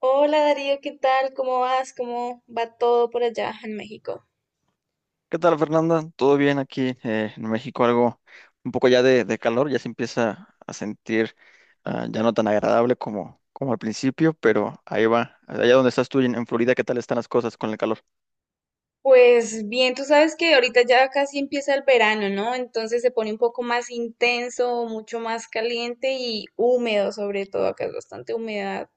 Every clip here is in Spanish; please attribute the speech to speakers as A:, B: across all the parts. A: Hola Darío, ¿qué tal? ¿Cómo vas? ¿Cómo va todo por allá en México?
B: ¿Qué tal, Fernanda? ¿Todo bien aquí en México? Algo un poco ya de calor, ya se empieza a sentir ya no tan agradable como al principio, pero ahí va. Allá donde estás tú en Florida, ¿qué tal están las cosas con el calor?
A: Pues bien, tú sabes que ahorita ya casi empieza el verano, ¿no? Entonces se pone un poco más intenso, mucho más caliente y húmedo, sobre todo, acá es bastante humedad.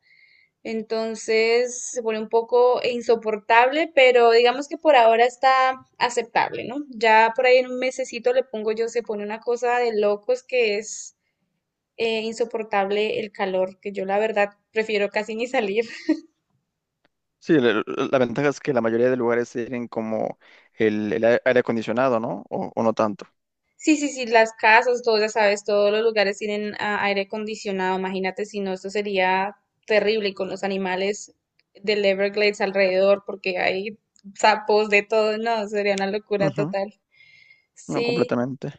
A: Entonces se pone un poco insoportable, pero digamos que por ahora está aceptable, ¿no? Ya por ahí en un mesecito le pongo yo, se pone una cosa de locos que es insoportable el calor, que yo la verdad prefiero casi ni salir.
B: Sí, la ventaja es que la mayoría de lugares tienen como el aire acondicionado, ¿no? O no tanto.
A: Sí, sí, sí, las casas, todo, ya sabes, todos los lugares tienen aire acondicionado. Imagínate si no, esto sería terrible y con los animales del Everglades alrededor, porque hay sapos de todo, no, sería una locura
B: Ujú.
A: total.
B: No,
A: Sí,
B: completamente.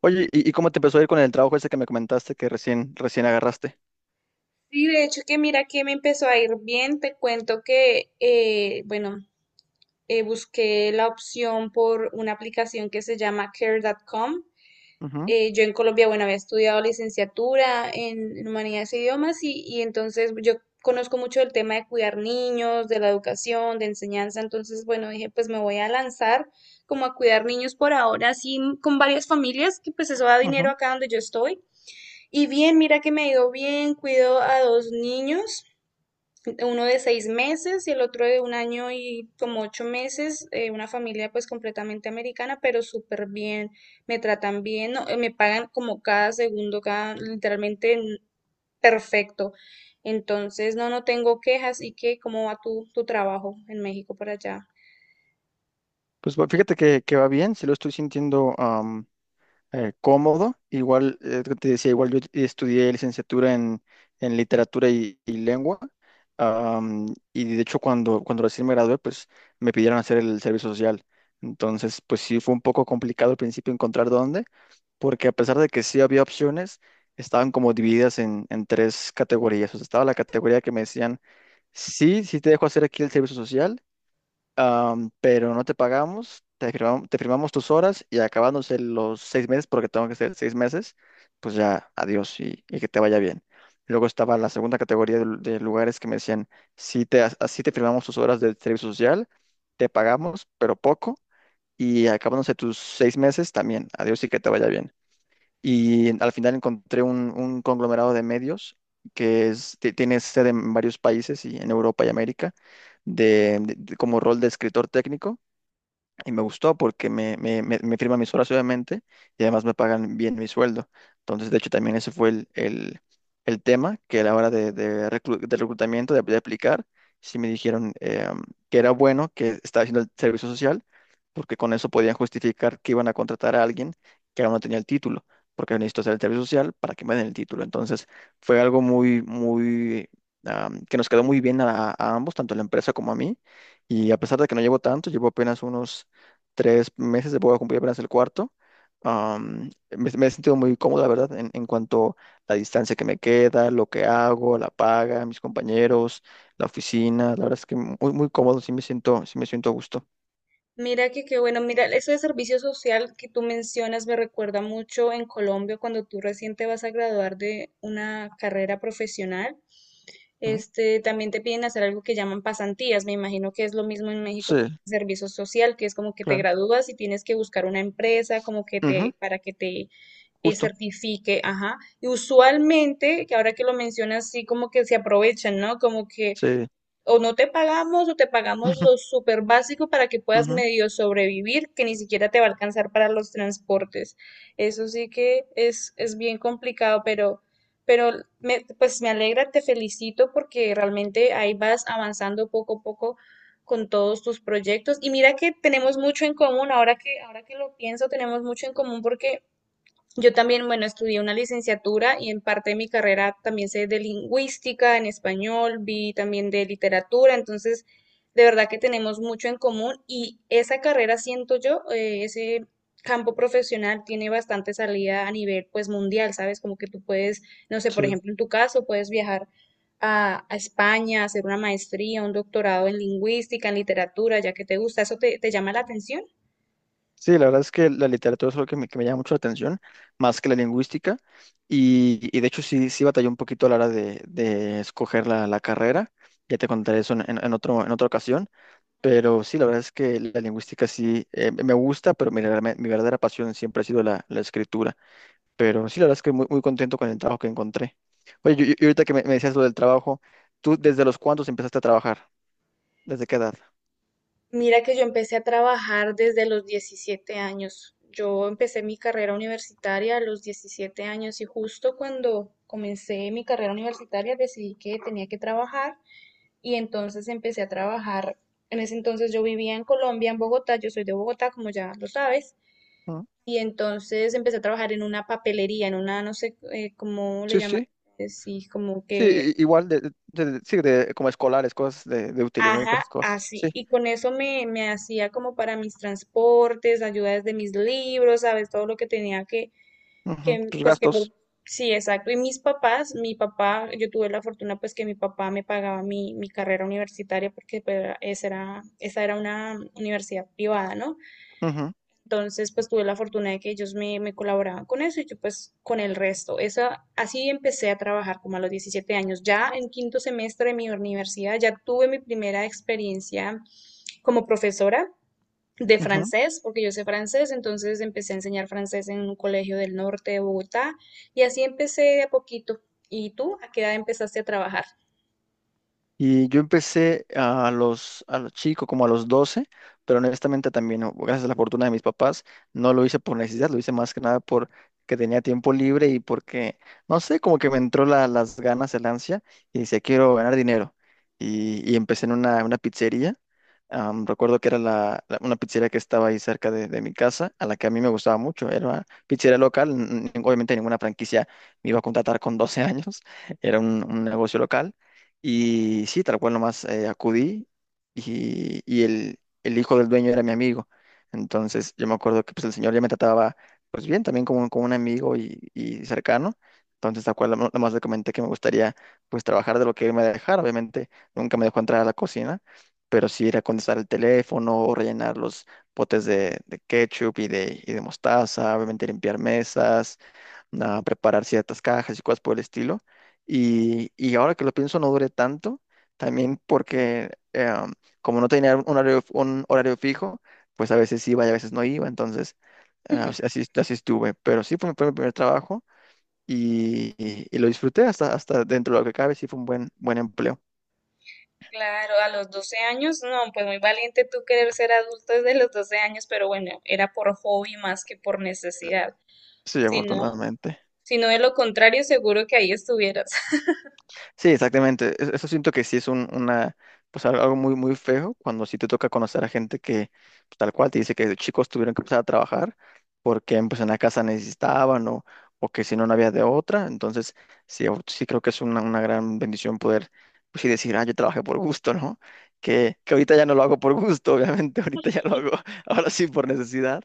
B: Oye, ¿y cómo te empezó a ir con el trabajo ese que me comentaste que recién agarraste?
A: sí, de hecho que mira que me empezó a ir bien, te cuento que, bueno, busqué la opción por una aplicación que se llama Care.com.
B: Ujú,
A: Yo en Colombia, bueno, había estudiado licenciatura en humanidades e idiomas y entonces yo conozco mucho el tema de cuidar niños, de la educación, de enseñanza, entonces, bueno, dije, pues me voy a lanzar como a cuidar niños por ahora, así con varias familias, que pues eso da
B: ujú.
A: dinero acá donde yo estoy. Y bien, mira que me ha ido bien, cuido a dos niños, uno de 6 meses y el otro de 1 año y como 8 meses, una familia pues completamente americana, pero súper bien, me tratan bien, no, me pagan como cada segundo, cada, literalmente perfecto. Entonces, no, no tengo quejas. ¿Y qué? ¿Cómo va tu trabajo en México por allá?
B: Pues bueno, fíjate que va bien, sí lo estoy sintiendo, cómodo. Igual, te decía, igual yo estudié licenciatura en literatura y lengua. am, y de hecho, cuando recién me gradué, pues me pidieron hacer el servicio social. Entonces, pues sí, fue un poco complicado al principio encontrar dónde, porque a pesar de que sí había opciones, estaban como divididas en tres categorías. O sea, estaba la categoría que me decían, sí, sí te dejo hacer aquí el servicio social, pero no te pagamos, te firmamos tus horas y acabándose los 6 meses, porque tengo que ser 6 meses, pues ya, adiós y que te vaya bien. Luego estaba la segunda categoría de lugares que me decían, sí te, así te firmamos tus horas de servicio social, te pagamos, pero poco, y acabándose tus 6 meses también, adiós y que te vaya bien. Y al final encontré un conglomerado de medios que tiene sede en varios países y en Europa y América, como rol de escritor técnico. Y me gustó porque me firman mis horas, obviamente, y además me pagan bien mi sueldo. Entonces, de hecho, también ese fue el tema que a la hora de, de reclutamiento, de aplicar, sí me dijeron que era bueno que estaba haciendo el servicio social, porque con eso podían justificar que iban a contratar a alguien que aún no tenía el título, porque necesito hacer el servicio social para que me den el título. Entonces, fue algo muy, muy, que nos quedó muy bien a ambos, tanto a la empresa como a mí. Y a pesar de que no llevo tanto, llevo apenas unos 3 meses, voy a cumplir apenas el cuarto. Me he sentido muy cómodo, la verdad, en cuanto a la distancia que me queda, lo que hago, la paga, mis compañeros, la oficina. La verdad es que muy, muy cómodo, sí me siento a gusto.
A: Mira que qué bueno, mira, eso de servicio social que tú mencionas me recuerda mucho en Colombia cuando tú recién te vas a graduar de una carrera profesional.
B: Ujú.
A: Este, también te piden hacer algo que llaman pasantías. Me imagino que es lo mismo en
B: Sí,
A: México con servicio social, que es como que te
B: claro.
A: gradúas y tienes que buscar una empresa como que
B: Ujú,
A: para que te
B: justo,
A: certifique, ajá. Y usualmente, que ahora que lo mencionas, sí como que se aprovechan, ¿no? Como que
B: sí.
A: o no te pagamos o te pagamos
B: Ujú,
A: lo súper básico para que puedas
B: ujú,
A: medio sobrevivir, que ni siquiera te va a alcanzar para los transportes. Eso sí que es bien complicado, pero pues me alegra, te felicito porque realmente ahí vas avanzando poco a poco con todos tus proyectos. Y mira que tenemos mucho en común, ahora que lo pienso, tenemos mucho en común porque yo también, bueno, estudié una licenciatura y en parte de mi carrera también sé de lingüística en español, vi también de literatura, entonces de verdad que tenemos mucho en común y esa carrera, siento yo, ese campo profesional tiene bastante salida a nivel pues mundial, ¿sabes? Como que tú puedes, no sé, por
B: sí.
A: ejemplo, en tu caso, puedes viajar a España, hacer una maestría, un doctorado en lingüística, en literatura, ya que te gusta, ¿eso te llama la atención?
B: Sí, la verdad es que la literatura es algo que me llama mucho la atención, más que la lingüística. Y de hecho sí, sí batallé un poquito a la hora de escoger la carrera. Ya te contaré eso en otra ocasión. Pero sí, la verdad es que la lingüística sí, me gusta, pero mi verdadera pasión siempre ha sido la escritura. Pero sí, la verdad es que muy, muy contento con el trabajo que encontré. Oye, y ahorita que me decías lo del trabajo, ¿tú desde los cuántos empezaste a trabajar? ¿Desde qué edad?
A: Mira que yo empecé a trabajar desde los 17 años. Yo empecé mi carrera universitaria a los 17 años y justo cuando comencé mi carrera universitaria decidí que tenía que trabajar y entonces empecé a trabajar. En ese entonces yo vivía en Colombia, en Bogotá, yo soy de Bogotá, como ya lo sabes,
B: Ah,
A: y entonces empecé a trabajar en una papelería, en una, no sé, cómo le
B: sí,
A: llaman,
B: sí,
A: sí, como
B: sí,
A: que
B: igual, de, sí, como escolares, cosas de útiles, ¿no? Y
A: ajá,
B: cosas, cosas,
A: así.
B: sí.
A: Y con eso me hacía como para mis transportes, ayudas de mis libros, ¿sabes? Todo lo que tenía que,
B: Ujú,
A: que
B: tus
A: pues que.
B: gastos.
A: Sí, exacto. Y mis papás, mi papá, yo tuve la fortuna pues que mi papá me pagaba mi carrera universitaria porque pues, esa era una universidad privada, ¿no?
B: Ujú,
A: Entonces, pues tuve la fortuna de que ellos me colaboraban con eso y yo pues con el resto. Esa, así empecé a trabajar como a los 17 años. Ya en quinto semestre de mi universidad ya tuve mi primera experiencia como profesora de
B: ujú.
A: francés, porque yo sé francés, entonces empecé a enseñar francés en un colegio del norte de Bogotá y así empecé de a poquito. ¿Y tú a qué edad empezaste a trabajar?
B: Y yo empecé a los chicos, como a los 12, pero honestamente también, gracias a la fortuna de mis papás, no lo hice por necesidad, lo hice más que nada porque tenía tiempo libre y porque, no sé, como que me entró las ganas, el ansia, y decía, quiero ganar dinero. Y empecé en una pizzería. Recuerdo que era una pizzería que estaba ahí cerca de mi casa, a la que a mí me gustaba mucho. Era una pizzería local, obviamente ninguna franquicia me iba a contratar con 12 años, era un negocio local. Y sí, tal cual nomás, acudí y el hijo del dueño era mi amigo. Entonces yo me acuerdo que pues, el señor ya me trataba pues bien, también como, como un amigo y cercano. Entonces tal cual nomás le comenté que me gustaría pues trabajar de lo que él me dejara. Obviamente nunca me dejó entrar a la cocina, pero sí era contestar el teléfono o rellenar los potes de ketchup y de mostaza, obviamente limpiar mesas, a preparar ciertas cajas y cosas por el estilo. Y ahora que lo pienso, no duré tanto, también porque, como no tenía un horario fijo, pues a veces iba y a veces no iba, entonces, así así estuve. Pero sí fue mi, primer trabajo y lo disfruté hasta dentro de lo que cabe, sí fue un buen, buen empleo.
A: Claro, a los 12 años, no, pues muy valiente tú querer ser adulto desde los 12 años, pero bueno, era por hobby más que por necesidad.
B: Sí,
A: Si no,
B: afortunadamente.
A: si no de lo contrario, seguro que ahí estuvieras.
B: Sí, exactamente. Eso siento que sí es un, una, pues al- algo muy, muy feo cuando sí te toca conocer a gente que pues, tal cual te dice que de chicos tuvieron que empezar a trabajar porque pues en la casa necesitaban, o que si no, no había de otra. Entonces, sí, sí creo que es una gran bendición poder pues sí decir, ah, yo trabajé por gusto, ¿no? Que ahorita ya no lo hago por gusto, obviamente, ahorita ya lo hago ahora sí por necesidad.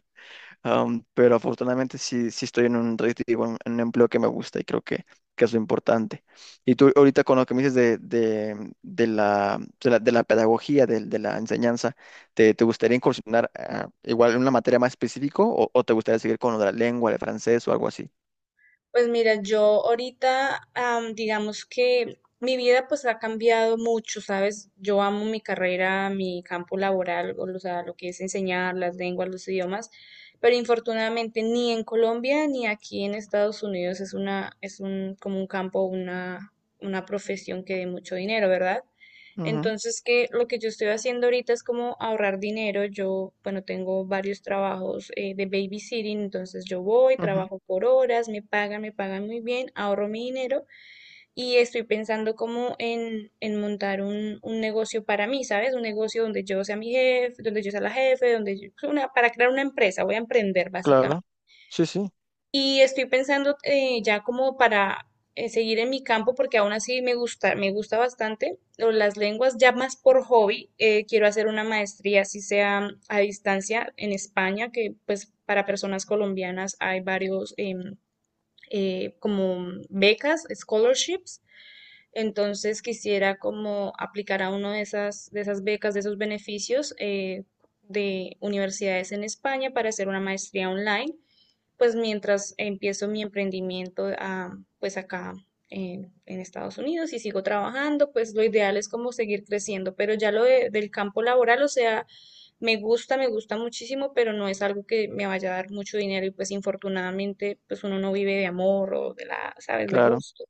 B: Pero afortunadamente sí, estoy en un red- digo, en un empleo que me gusta y creo que es lo importante. Y tú ahorita con lo que me dices de, de la pedagogía, de la enseñanza, ¿te gustaría incursionar, igual en una materia más específica o te gustaría seguir con lo de la lengua, el francés o algo así?
A: Pues mira, yo ahorita, digamos que mi vida pues ha cambiado mucho, ¿sabes? Yo amo mi carrera, mi campo laboral, o sea, lo que es enseñar las lenguas, los idiomas, pero infortunadamente ni en Colombia ni aquí en Estados Unidos es una, es un, como un campo, una profesión que dé mucho dinero, ¿verdad?
B: Ujú,
A: Entonces, que lo que yo estoy haciendo ahorita es como ahorrar dinero. Yo, bueno, tengo varios trabajos de babysitting, entonces yo voy,
B: ujú,
A: trabajo por horas, me pagan muy bien, ahorro mi dinero y estoy pensando como en montar un negocio para mí, ¿sabes? Un negocio donde yo sea mi jefe, donde yo sea la jefe, para crear una empresa, voy a emprender básicamente.
B: claro, sí, sí,
A: Y estoy pensando ya como para seguir en mi campo, porque aún así me gusta bastante las lenguas, ya más por hobby. Quiero hacer una maestría, así sea a distancia, en España, que pues para personas colombianas hay varios como becas, scholarships. Entonces quisiera como aplicar a una de esas becas, de esos beneficios de universidades en España para hacer una maestría online pues mientras empiezo mi emprendimiento a pues acá en Estados Unidos y sigo trabajando, pues lo ideal es como seguir creciendo, pero ya lo del campo laboral, o sea, me gusta muchísimo, pero no es algo que me vaya a dar mucho dinero y pues infortunadamente pues uno no vive de amor o sabes, de
B: claro,
A: gusto.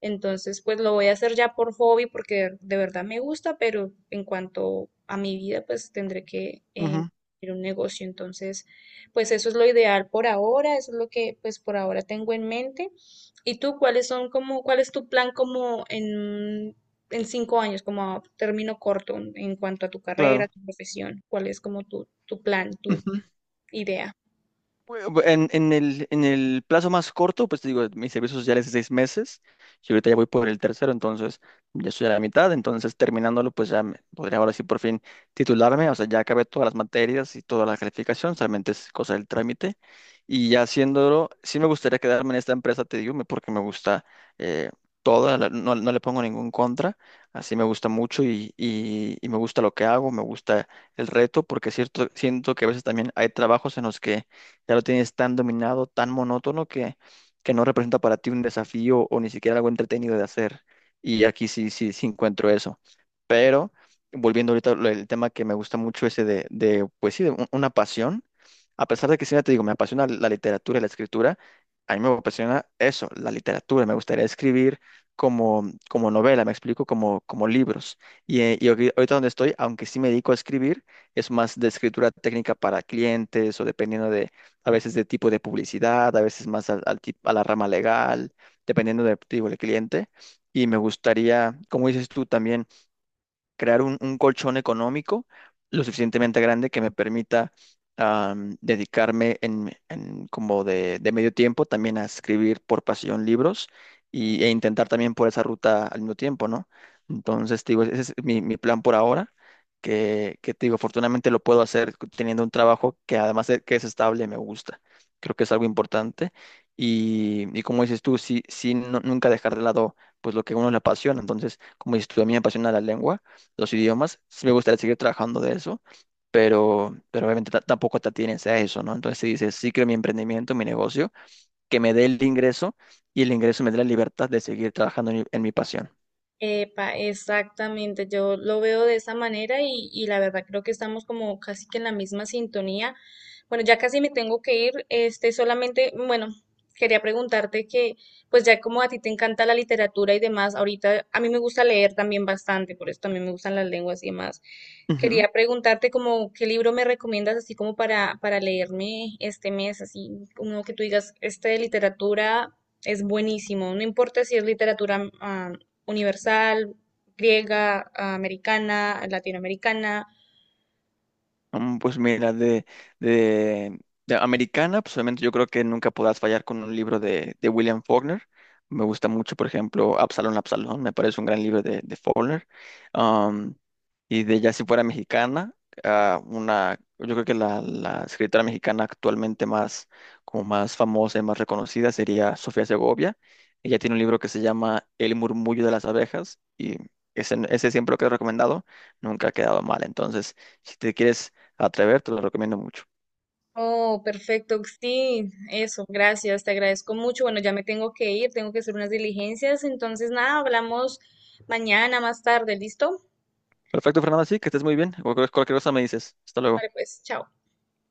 A: Entonces, pues lo voy a hacer ya por hobby porque de verdad me gusta, pero en cuanto a mi vida, pues tendré que
B: ujú,
A: ir a un negocio. Entonces, pues eso es lo ideal por ahora, eso es lo que pues por ahora tengo en mente. ¿Y tú cuáles son cuál es tu plan como en 5 años, como a término corto en cuanto a tu carrera,
B: claro.
A: tu profesión? ¿Cuál es como tu plan, tu idea?
B: Bueno, pues, en el plazo más corto, pues te digo, mi servicio social es de 6 meses, yo ahorita ya voy por el tercero, entonces ya estoy a la mitad, entonces terminándolo, pues ya podría ahora sí por fin titularme, o sea, ya acabé todas las materias y toda la calificación, solamente es cosa del trámite, y ya haciéndolo, sí me gustaría quedarme en esta empresa, te digo, porque me gusta, eh, toda, no, no le pongo ningún contra, así me gusta mucho y me gusta lo que hago, me gusta el reto, porque es cierto, siento que a veces también hay trabajos en los que ya lo tienes tan dominado, tan monótono que no representa para ti un desafío o ni siquiera algo entretenido de hacer. Y aquí sí, sí, sí encuentro eso. Pero volviendo ahorita al el tema que me gusta mucho ese pues sí, una pasión, a pesar de que siempre te digo, me apasiona la literatura y la escritura, a mí me apasiona eso, la literatura, me gustaría escribir como, como novela, me explico, como, como libros. Y, ahorita donde estoy, aunque sí me dedico a escribir, es más de escritura técnica para clientes o dependiendo a veces de tipo de publicidad, a veces más a la rama legal, dependiendo el cliente. Y me gustaría, como dices tú también, crear un colchón económico lo suficientemente grande que me permita, dedicarme en como de medio tiempo también a escribir por pasión libros y, e intentar también por esa ruta al mismo tiempo, ¿no? Entonces, te digo, ese es mi plan por ahora, que te digo, afortunadamente lo puedo hacer teniendo un trabajo que además de que es estable, me gusta. Creo que es algo importante. Y como dices tú, sí, sí, nunca dejar de lado pues lo que a uno le apasiona. Entonces, como dices tú, a mí me apasiona la lengua, los idiomas. Sí me gustaría seguir trabajando de eso, pero obviamente tampoco te atienes a eso, ¿no? Entonces, si dices, sí creo mi emprendimiento, mi negocio, que me dé el ingreso y el ingreso me dé la libertad de seguir trabajando en mi pasión.
A: Epa, exactamente, yo lo veo de esa manera y la verdad creo que estamos como casi que en la misma sintonía. Bueno, ya casi me tengo que ir, este, solamente, bueno, quería preguntarte que, pues ya como a ti te encanta la literatura y demás, ahorita a mí me gusta leer también bastante, por eso también me gustan las lenguas y demás.
B: Ujú.
A: Quería preguntarte como qué libro me recomiendas así como para leerme este mes, así uno que tú digas, este de literatura es buenísimo, no importa si es literatura universal, griega, americana, latinoamericana.
B: Pues mira, de, de americana, pues obviamente yo creo que nunca podrás fallar con un libro de William Faulkner. Me gusta mucho, por ejemplo, Absalón, Absalón, me parece un gran libro de Faulkner. Y de ya si fuera mexicana, ah, una, yo creo que la escritora mexicana actualmente más, como más famosa y más reconocida sería Sofía Segovia. Ella tiene un libro que se llama El murmullo de las abejas y ese siempre lo que he recomendado, nunca ha quedado mal. Entonces, si te quieres atrever, te lo recomiendo mucho.
A: Oh, perfecto, sí, eso, gracias, te agradezco mucho. Bueno, ya me tengo que ir, tengo que hacer unas diligencias, entonces nada, hablamos mañana más tarde, ¿listo?
B: Perfecto, Fernando, sí, que estés muy bien. Cualquier cosa me dices. Hasta
A: Vale,
B: luego.
A: pues, chao.